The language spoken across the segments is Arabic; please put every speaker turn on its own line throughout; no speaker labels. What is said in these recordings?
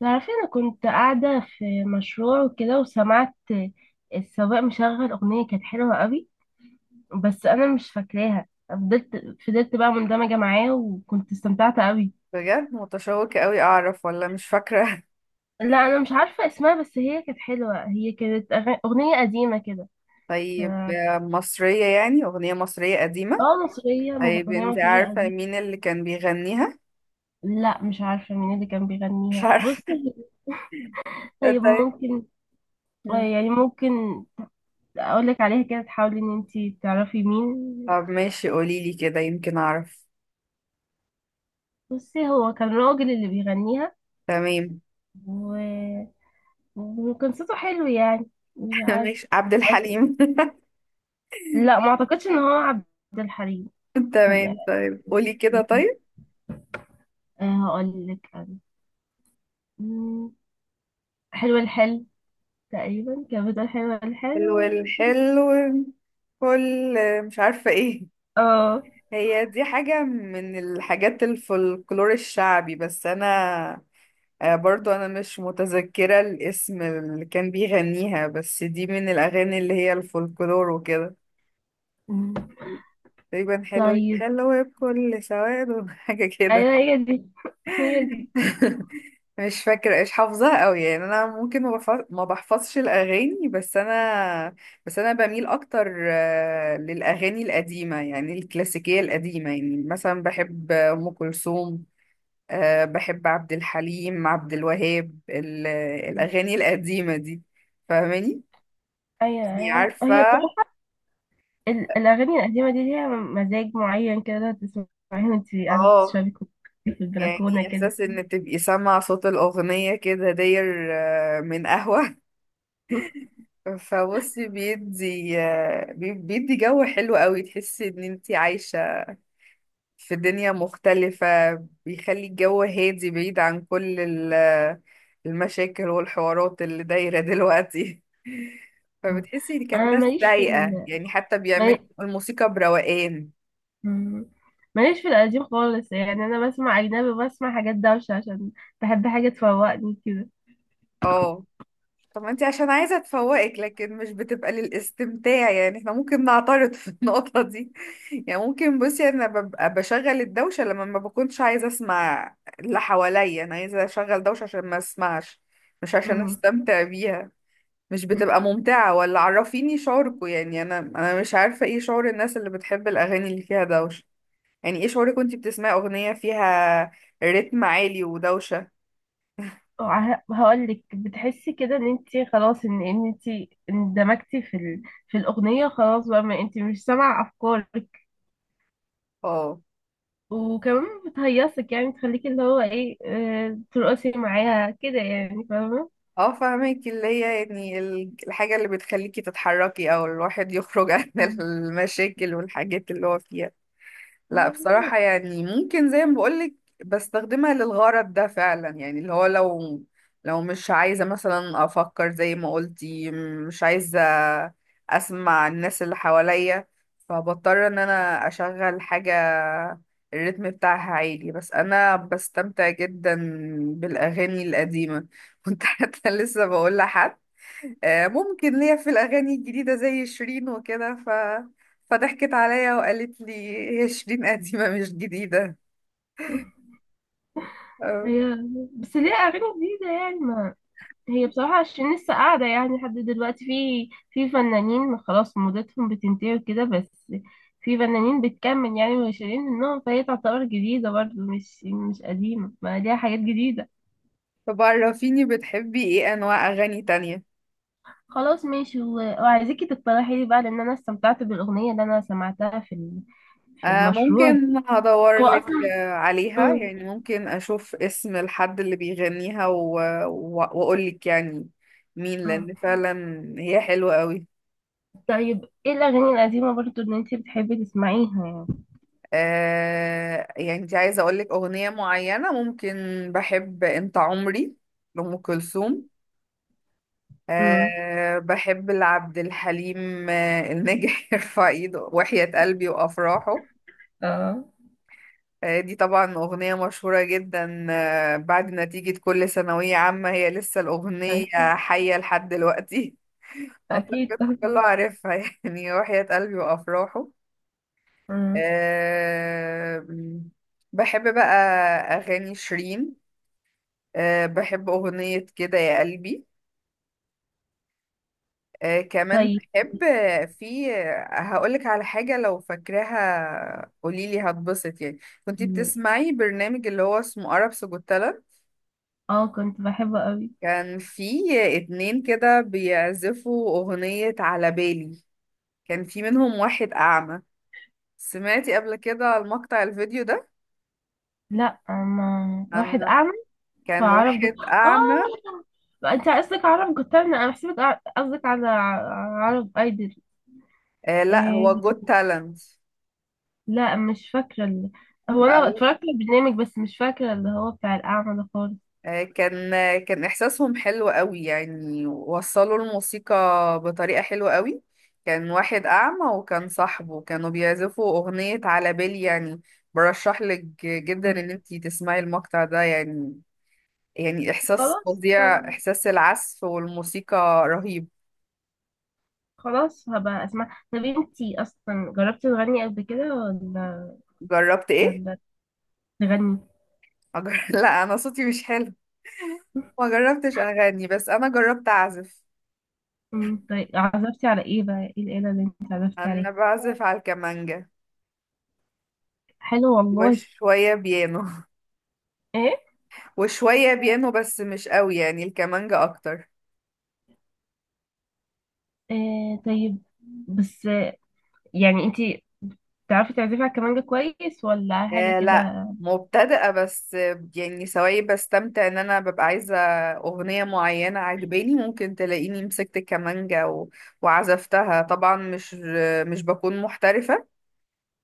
تعرفي، انا كنت قاعدة في مشروع وكده وسمعت السواق مشغل اغنية كانت حلوة قوي. بس انا مش فاكراها. فضلت بقى مندمجة معاه وكنت استمتعت قوي.
بجد متشوقة قوي أعرف ولا مش فاكرة.
لا، انا مش عارفة اسمها، بس هي كانت حلوة. هي كانت اغنية قديمة كده. ف-
طيب، مصرية، يعني أغنية مصرية قديمة.
اه، مصرية،
طيب،
اغنية
أنت
مصرية
عارفة
قديمة.
مين اللي كان بيغنيها؟
لا مش عارفة مين اللي كان
مش
بيغنيها. بصي
عارفة.
طيب،
طيب.
ممكن.
مم.
يعني ممكن اقولك عليها كده تحاولي ان انتي تعرفي مين.
طب ماشي، قوليلي كده يمكن أعرف.
بصي، هو كان راجل اللي بيغنيها
تمام.
و... وكان صوته حلو يعني. مش عارف.
ماشي، عبد الحليم.
لا، ما اعتقدش ان هو عبد الحليم. يعني،
تمام، طيب قولي كده طيب.
هقول لك انا. مم، حلو الحل تقريبا كان بتقول حلو
حلو
الحل.
الحلو. كل. مش عارفة ايه.
اه.
هي دي حاجة من الحاجات الفولكلور الشعبي، بس أنا. برضو انا مش متذكرة الاسم اللي كان بيغنيها، بس دي من الاغاني اللي هي الفولكلور وكده.
مم،
تقريبا حلو
طيب.
حلو بكل سواد، حاجة كده.
ايوه، هي دي، هي دي.
مش فاكرة ايش حافظاها قوي، يعني انا ممكن ما بحفظش الاغاني، بس انا بميل اكتر، للاغاني القديمة، يعني الكلاسيكية القديمة، يعني مثلا بحب ام كلثوم. أه بحب عبد الحليم، عبد الوهاب، الأغاني القديمة دي. فاهماني؟
ايوه
يعني
ايوه،
عارفة.
هي بصراحه الاغاني القديمه دي ليها مزاج معين كده. تسمعيها وانت قاعده
اه.
بتشربي كوب في
يعني
البلكونه كده.
إحساس إن تبقي سامعة صوت الأغنية كده داير، من قهوة. فبصي بيدي بيدي جو حلو قوي، تحسي إن انتي عايشة في دنيا مختلفة. بيخلي الجو هادي بعيد عن كل المشاكل والحوارات اللي دايرة دلوقتي. فبتحسي ان كانت
انا
ناس
ماليش في
رايقة، يعني حتى بيعملوا
ال...
الموسيقى بروقان.
مم. ماليش في القديم خالص. يعني انا بسمع اجنبي، بسمع حاجات دوشة عشان بحب حاجة تفوقني كده.
اه. طب ما انتي عشان عايزة تفوقك، لكن مش بتبقى للاستمتاع، يعني احنا ممكن نعترض في النقطة دي. يعني ممكن، بصي انا ببقى بشغل الدوشة لما ما بكونش عايزة اسمع اللي حواليا، انا عايزة اشغل دوشة عشان ما اسمعش. مش عشان
مم.
استمتع بيها. مش بتبقى ممتعة، ولا عرفيني شعوركوا، يعني انا مش عارفة ايه شعور الناس اللي بتحب الاغاني اللي فيها دوشة. يعني ايه شعورك وانتي بتسمعي اغنية فيها رتم عالي ودوشة؟
هقولك، بتحسي كده ان انت خلاص، ان انت اندمجتي في الاغنية. خلاص بقى، ما انت مش سامعة افكارك.
اه،
وكمان بتهيصك، يعني تخليكي اللي هو ايه، ترقصي معاها كده، يعني فاهمة.
اه، فاهمك، اللي هي يعني الحاجة اللي بتخليكي تتحركي او الواحد يخرج عن
مم.
المشاكل والحاجات اللي هو فيها. لا بصراحة،
مظبوط.
يعني ممكن زي ما بقولك، بستخدمها للغرض ده فعلا، يعني اللي هو لو مش عايزة مثلا أفكر زي ما قلتي، مش عايزة أسمع الناس اللي حواليا، فبضطر إن أنا أشغل حاجة الريتم بتاعها عالي. بس أنا بستمتع جدا بالأغاني القديمة. كنت حتى لسه بقول لحد ممكن ليا في الأغاني الجديدة زي شيرين وكده. فضحكت عليا وقالت لي: هي شيرين قديمة مش جديدة. آه،
هي بس ليه اغاني جديدة يعني؟ هي بصراحة عشان لسه قاعدة يعني لحد دلوقتي، في فنانين خلاص مدتهم بتنتهي وكده، بس في فنانين بتكمل يعني وناشرين منهم، فهي تعتبر جديدة برضه، مش قديمة، ما ليها حاجات جديدة.
طب عرفيني، بتحبي ايه أنواع أغاني تانية؟
خلاص ماشي، و- وعايزاكي تقترحي لي بقى، لأن أنا استمتعت بالأغنية اللي أنا سمعتها في في المشروع
ممكن
دي.
هدور
هو
لك
أصلا.
عليها،
مم.
يعني ممكن أشوف اسم الحد اللي بيغنيها و... وأقول لك يعني مين،
مم.
لأن فعلا هي حلوة قوي.
طيب، ايه الأغاني القديمة برضه اللي انتي بتحبي تسمعيها يعني؟
يعني انت عايزة أقول لك أغنية معينة، ممكن. بحب أنت عمري لأم كلثوم.
مم.
أه بحب لعبد الحليم الناجح، يرفع ايده، وحياة قلبي، وأفراحه.
اه،
أه دي طبعا أغنية مشهورة جدا، أه بعد نتيجة كل ثانوية عامة هي لسه الأغنية
اكيد.
حية لحد دلوقتي.
اكيد
أعتقد كله
طبعا.
عارفها، يعني وحياة قلبي وأفراحه.
مم.
أه، بحب بقى أغاني شيرين. أه بحب أغنية كده يا قلبي. كمان
طيب.
بحب في هقولك على حاجة، لو فاكراها قوليلي هتبسط يعني. كنتي بتسمعي برنامج اللي هو اسمه عرب سجوتالا؟
اه، كنت بحبه قوي.
كان في اتنين كده بيعزفوا أغنية على بالي. كان في منهم واحد أعمى. سمعتي قبل كده المقطع الفيديو ده؟
لا، ما واحد
عن
اعمى.
كان
فعرف
واحد
جت...
أعمى.
اه، انت قصدك عرب جوترنا. انا بحسبك قصدك على عرب ايدل.
آه لا، هو
آه...
جود تالنت.
لا، مش فاكره هو انا اتفرجت على البرنامج، بس مش فاكره اللي هو بتاع الاعمى ده خالص.
كان إحساسهم حلو قوي، يعني وصلوا الموسيقى بطريقة حلوة قوي. كان واحد أعمى وكان صاحبه، كانوا بيعزفوا أغنية على بالي يعني. برشح لك جدا
م.
إن انتي تسمعي المقطع ده يعني. يعني إحساس
خلاص.
فظيع، إحساس العزف والموسيقى رهيب.
خلاص هبقى اسمع. طب انتي اصلا جربتي تغني قبل كده ولا
جربت إيه؟
ولا تغني.
لا، أنا صوتي مش حلو. ما جربتش أغني، بس أنا جربت أعزف.
طيب، عزفتي على ايه بقى؟ ايه الآلة اللي انت عزفتي
أنا
عليها؟
بعزف على الكمانجة
حلو والله.
وشوية بيانو
ايه.
وشوية بيانو بس مش قوي، يعني الكمانجا أكتر.
طيب. بس يعني انتي تعرفي تعزفي على الكمانجة كويس ولا حاجة
آه لا
كده؟
مبتدئة، بس يعني سواء بستمتع إن أنا ببقى عايزة أغنية معينة عجباني، ممكن تلاقيني مسكت الكمانجا وعزفتها. طبعا مش بكون محترفة.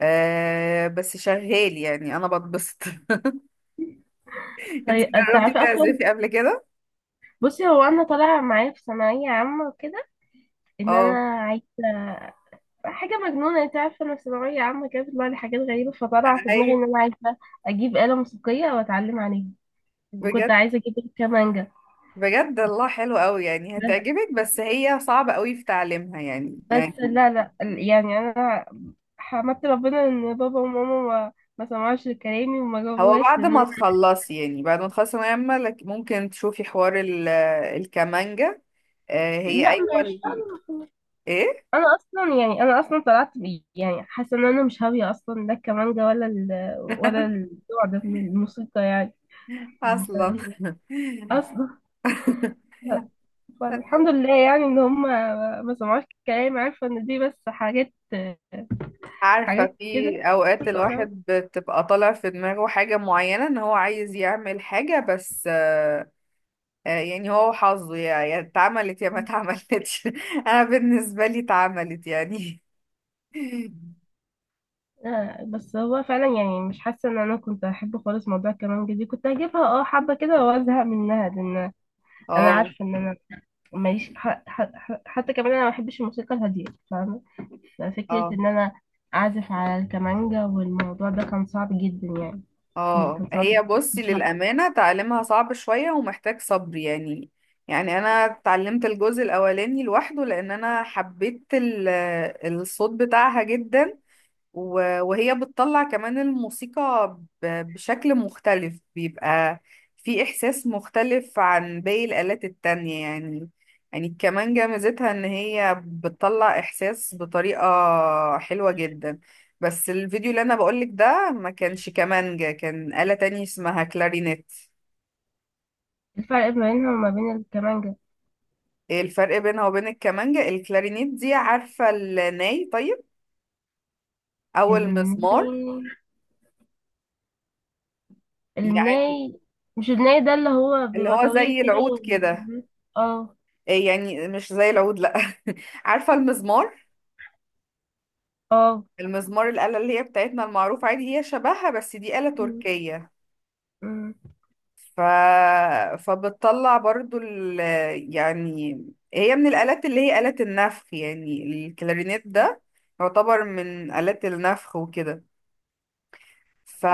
آه بس شغال، يعني أنا بتبسط. انت
طيب،
جربتي
تعرفي اصلا.
تعزفي قبل كده؟
بصي، هو انا طالعة معايا في ثانوية عامة وكده، ان
اه.
انا عايزة حاجة مجنونة. انت عارفة، انا في ثانوية عامة كده بيطلع لي حاجات غريبة. فطلع في دماغي
أي؟
ان انا عايزة اجيب آلة موسيقية واتعلم عليها. وكنت
بجد؟
عايزة اجيب الكمانجة.
بجد الله حلو قوي، يعني
بس
هتعجبك، بس هي صعبة قوي في تعليمها يعني
بس
يعني
لا لا، يعني انا حمدت ربنا ان بابا وماما ما سمعوش لكلامي وما
هو
جابوهاش
بعد
لان
ما تخلصي يعني بعد ما تخلصي ثانوية عامة، ممكن تشوفي حوار الكمانجة. هي
لا،
أيوة
مش
إيه.
انا اصلا، يعني انا اصلا طلعت بي يعني حاسه ان انا مش هاويه اصلا، لا الكمانجه ولا النوع ده من الموسيقى يعني.
أصلا.
اصلا، فالحمد لله يعني ان هم ما سمعوش كلام. عارفه ان دي بس حاجات،
عارفة،
حاجات
في
كده
أوقات
بره.
الواحد بتبقى طالع في دماغه حاجة معينة إن هو عايز يعمل حاجة، بس يعني هو حظه، يا اتعملت يا ما اتعملتش. أنا بالنسبة لي اتعملت يعني.
بس هو فعلا يعني مش حاسه ان انا كنت احب خالص موضوع الكمانجه دي. كنت هجيبها حبه كده وازهق منها، لان انا
اه.
عارفه ان انا ماليش حتى كمان انا ما بحبش الموسيقى الهاديه. فاهمه. ففكره
اه.
ان انا اعزف على الكمانجا والموضوع ده كان صعب جدا. يعني
اه،
كان صعب.
هي بصي
مش عارفة.
للأمانة تعلمها صعب شوية ومحتاج صبر يعني. يعني أنا اتعلمت الجزء الأولاني لوحده لأن أنا حبيت الصوت بتاعها جدا، و- وهي بتطلع كمان الموسيقى ب- بشكل مختلف، بيبقى في إحساس مختلف عن باقي الآلات التانية يعني. يعني الكمانجة ميزتها إن هي بتطلع إحساس بطريقة حلوة جدا. بس الفيديو اللي أنا بقولك ده ما كانش كمانجة، كان آلة تانية اسمها كلارينيت.
الفرق ما بينها وما بين الكمانجا.
إيه الفرق بينها وبين الكمانجة؟ الكلارينيت دي، عارفة الناي؟ طيب أو المزمار.
الناي
يعني
الناي مش الناي ده اللي هو
اللي
بيبقى
هو
طويل
زي
كده
العود كده.
اه
إيه يعني، مش زي العود لا، عارفة المزمار؟
اه،
المزمار الآلة اللي هي بتاعتنا المعروفة عادي، هي شبهها بس دي آلة
م-
تركية.
م-
ف... فبتطلع برضو يعني هي من الآلات اللي هي آلة النفخ، يعني الكلارينيت ده يعتبر من آلات النفخ وكده. ف...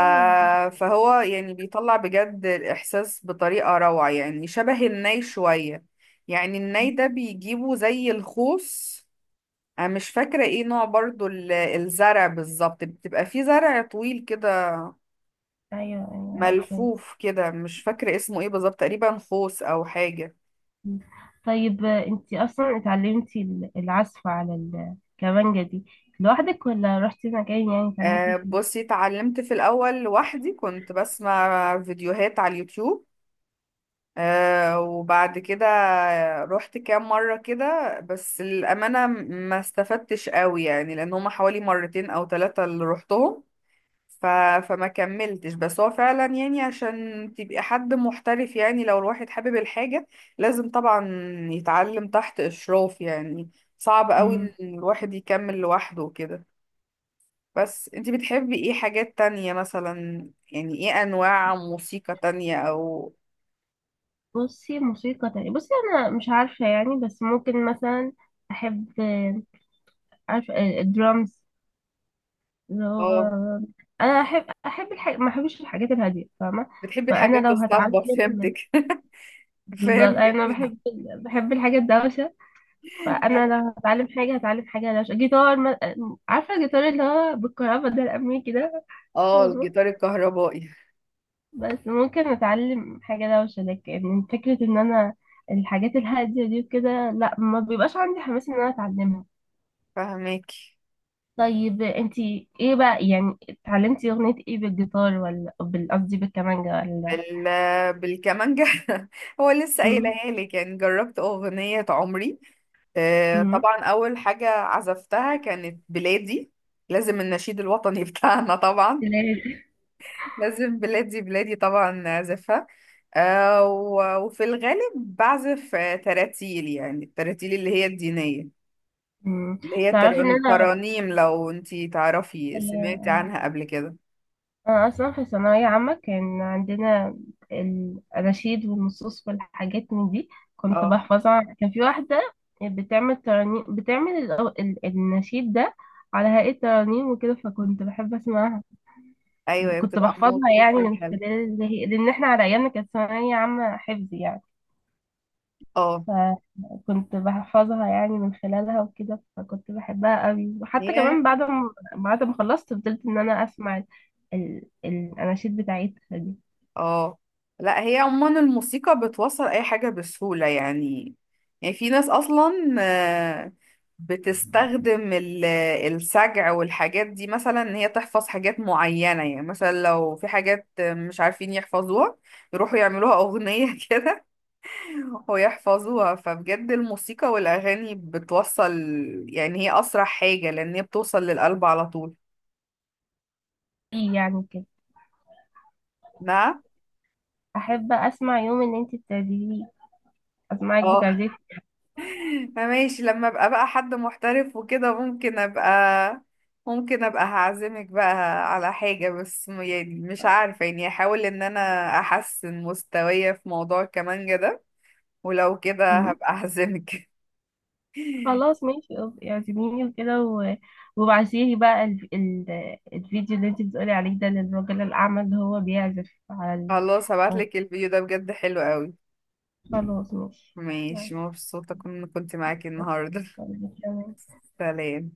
فهو يعني بيطلع بجد الإحساس بطريقة روعة، يعني شبه الناي شوية. يعني الناي ده بيجيبه زي الخوص. انا مش فاكرة ايه نوع برضو الزرع بالظبط، بتبقى فيه زرع طويل كده
ايوه ايوه، عارفه.
ملفوف كده، مش فاكرة اسمه ايه بالظبط، تقريبا خوص او حاجة.
مم. طيب، انت اصلا اتعلمتي العزف على الكمانجة دي لوحدك ولا رحتي مكان يعني اتعلمتي
أه
فيه؟
بصي، اتعلمت في الاول لوحدي، كنت بسمع فيديوهات على اليوتيوب. أه وبعد كده رحت كام مرة كده، بس الأمانة ما استفدتش قوي، يعني لأن هما حوالي مرتين أو ثلاثة اللي رحتهم، ف... فما كملتش. بس هو فعلا يعني عشان تبقى حد محترف، يعني لو الواحد حابب الحاجة لازم طبعا يتعلم تحت إشراف يعني. صعب قوي إن
مم.
الواحد يكمل لوحده وكده. بس انتي بتحبي ايه حاجات تانية مثلا؟ يعني ايه انواع موسيقى تانية، او؟
بصي، موسيقى تانية. بصي، انا مش عارفة يعني، بس ممكن مثلا احب، عارفة الدرامز، اللي هو
اه.
انا احب ما احبش الحاجات الهادية. فاهمة؟
بتحبي
فانا
الحاجات
لو هتعلم
الصاخبة، فهمتك.
بالظبط،
فهمتك.
انا بحب الحاجة الدوشة. فانا لو هتعلم حاجه، هتعلم حاجه لو جيتار ما... عارفه الجيتار اللي هو بالكهرباء ده، الامريكي ده.
اه
فاهمة؟
الجيتار الكهربائي.
بس ممكن اتعلم حاجه دوشه، لكن فكره ان انا الحاجات الهاديه دي وكده، لا، ما بيبقاش عندي حماس ان انا اتعلمها.
فهمك.
طيب، انتي ايه بقى يعني؟ اتعلمتي اغنيه ايه بالجيتار ولا قصدي بالكمانجه، ولا؟
بال... بالكمانجة. هو لسه
مم.
قايلها لي، كان جربت أغنية عمري.
مم.
طبعا أول حاجة عزفتها كانت بلادي. لازم النشيد الوطني بتاعنا طبعا.
لازم.
لازم بلادي بلادي طبعا أعزفها. و- وفي الغالب بعزف تراتيل، يعني التراتيل اللي هي الدينية،
مم.
اللي هي
تعرفي ان
ترانيم. لو انتي تعرفي سمعتي
انا
عنها قبل كده؟
أنا أصلا في ثانوية عامة كان عندنا الأناشيد والنصوص والحاجات من دي. كنت
اه،
بحفظها. كان في واحدة بتعمل ترانيم، بتعمل النشيد ده على هيئة ترانيم وكده، فكنت بحب أسمعها.
ايوه
كنت
بتبقى
بحفظها يعني
موسيقى
من
حلوة.
خلال لأن إحنا على أيامنا كانت ثانوية عامة حفظ يعني.
اه.
فكنت بحفظها يعني من خلالها وكده. فكنت بحبها قوي، وحتى
هي.
كمان بعد ما خلصت فضلت إن أنا أسمع الأناشيد بتاعتها دي.
اه لا، هي عموما الموسيقى بتوصل اي حاجة بسهولة يعني. يعني في ناس اصلا آه، بتستخدم السجع والحاجات دي، مثلا ان هي تحفظ حاجات معينة، يعني مثلا لو في حاجات مش عارفين يحفظوها يروحوا يعملوها اغنية كده ويحفظوها. فبجد الموسيقى والاغاني بتوصل، يعني هي اسرع حاجة لان هي بتوصل للقلب على طول.
ايه يعني كده.
نعم.
احب اسمع يوم ان انت بتعزفي. اسمعك
اه.
بتعزفي.
ماشي، لما ابقى بقى حد محترف وكده ممكن ابقى هعزمك بقى على حاجة، بس يعني مش عارفة، يعني احاول ان انا احسن مستوايا في موضوع الكمانجة ده، ولو كده
مم.
هبقى اعزمك.
خلاص ماشي، اعزميني وكده و... وبعتيلي بقى الفيديو اللي انت بتقولي عليه ده للراجل الاعمى اللي هو بيعزف على
خلاص،
الفون.
هبعتلك الفيديو ده، بجد حلو قوي.
خلاص ماشي.
ماشي، مبسوطة كنت معاكي النهاردة.
ماشي.
سلام.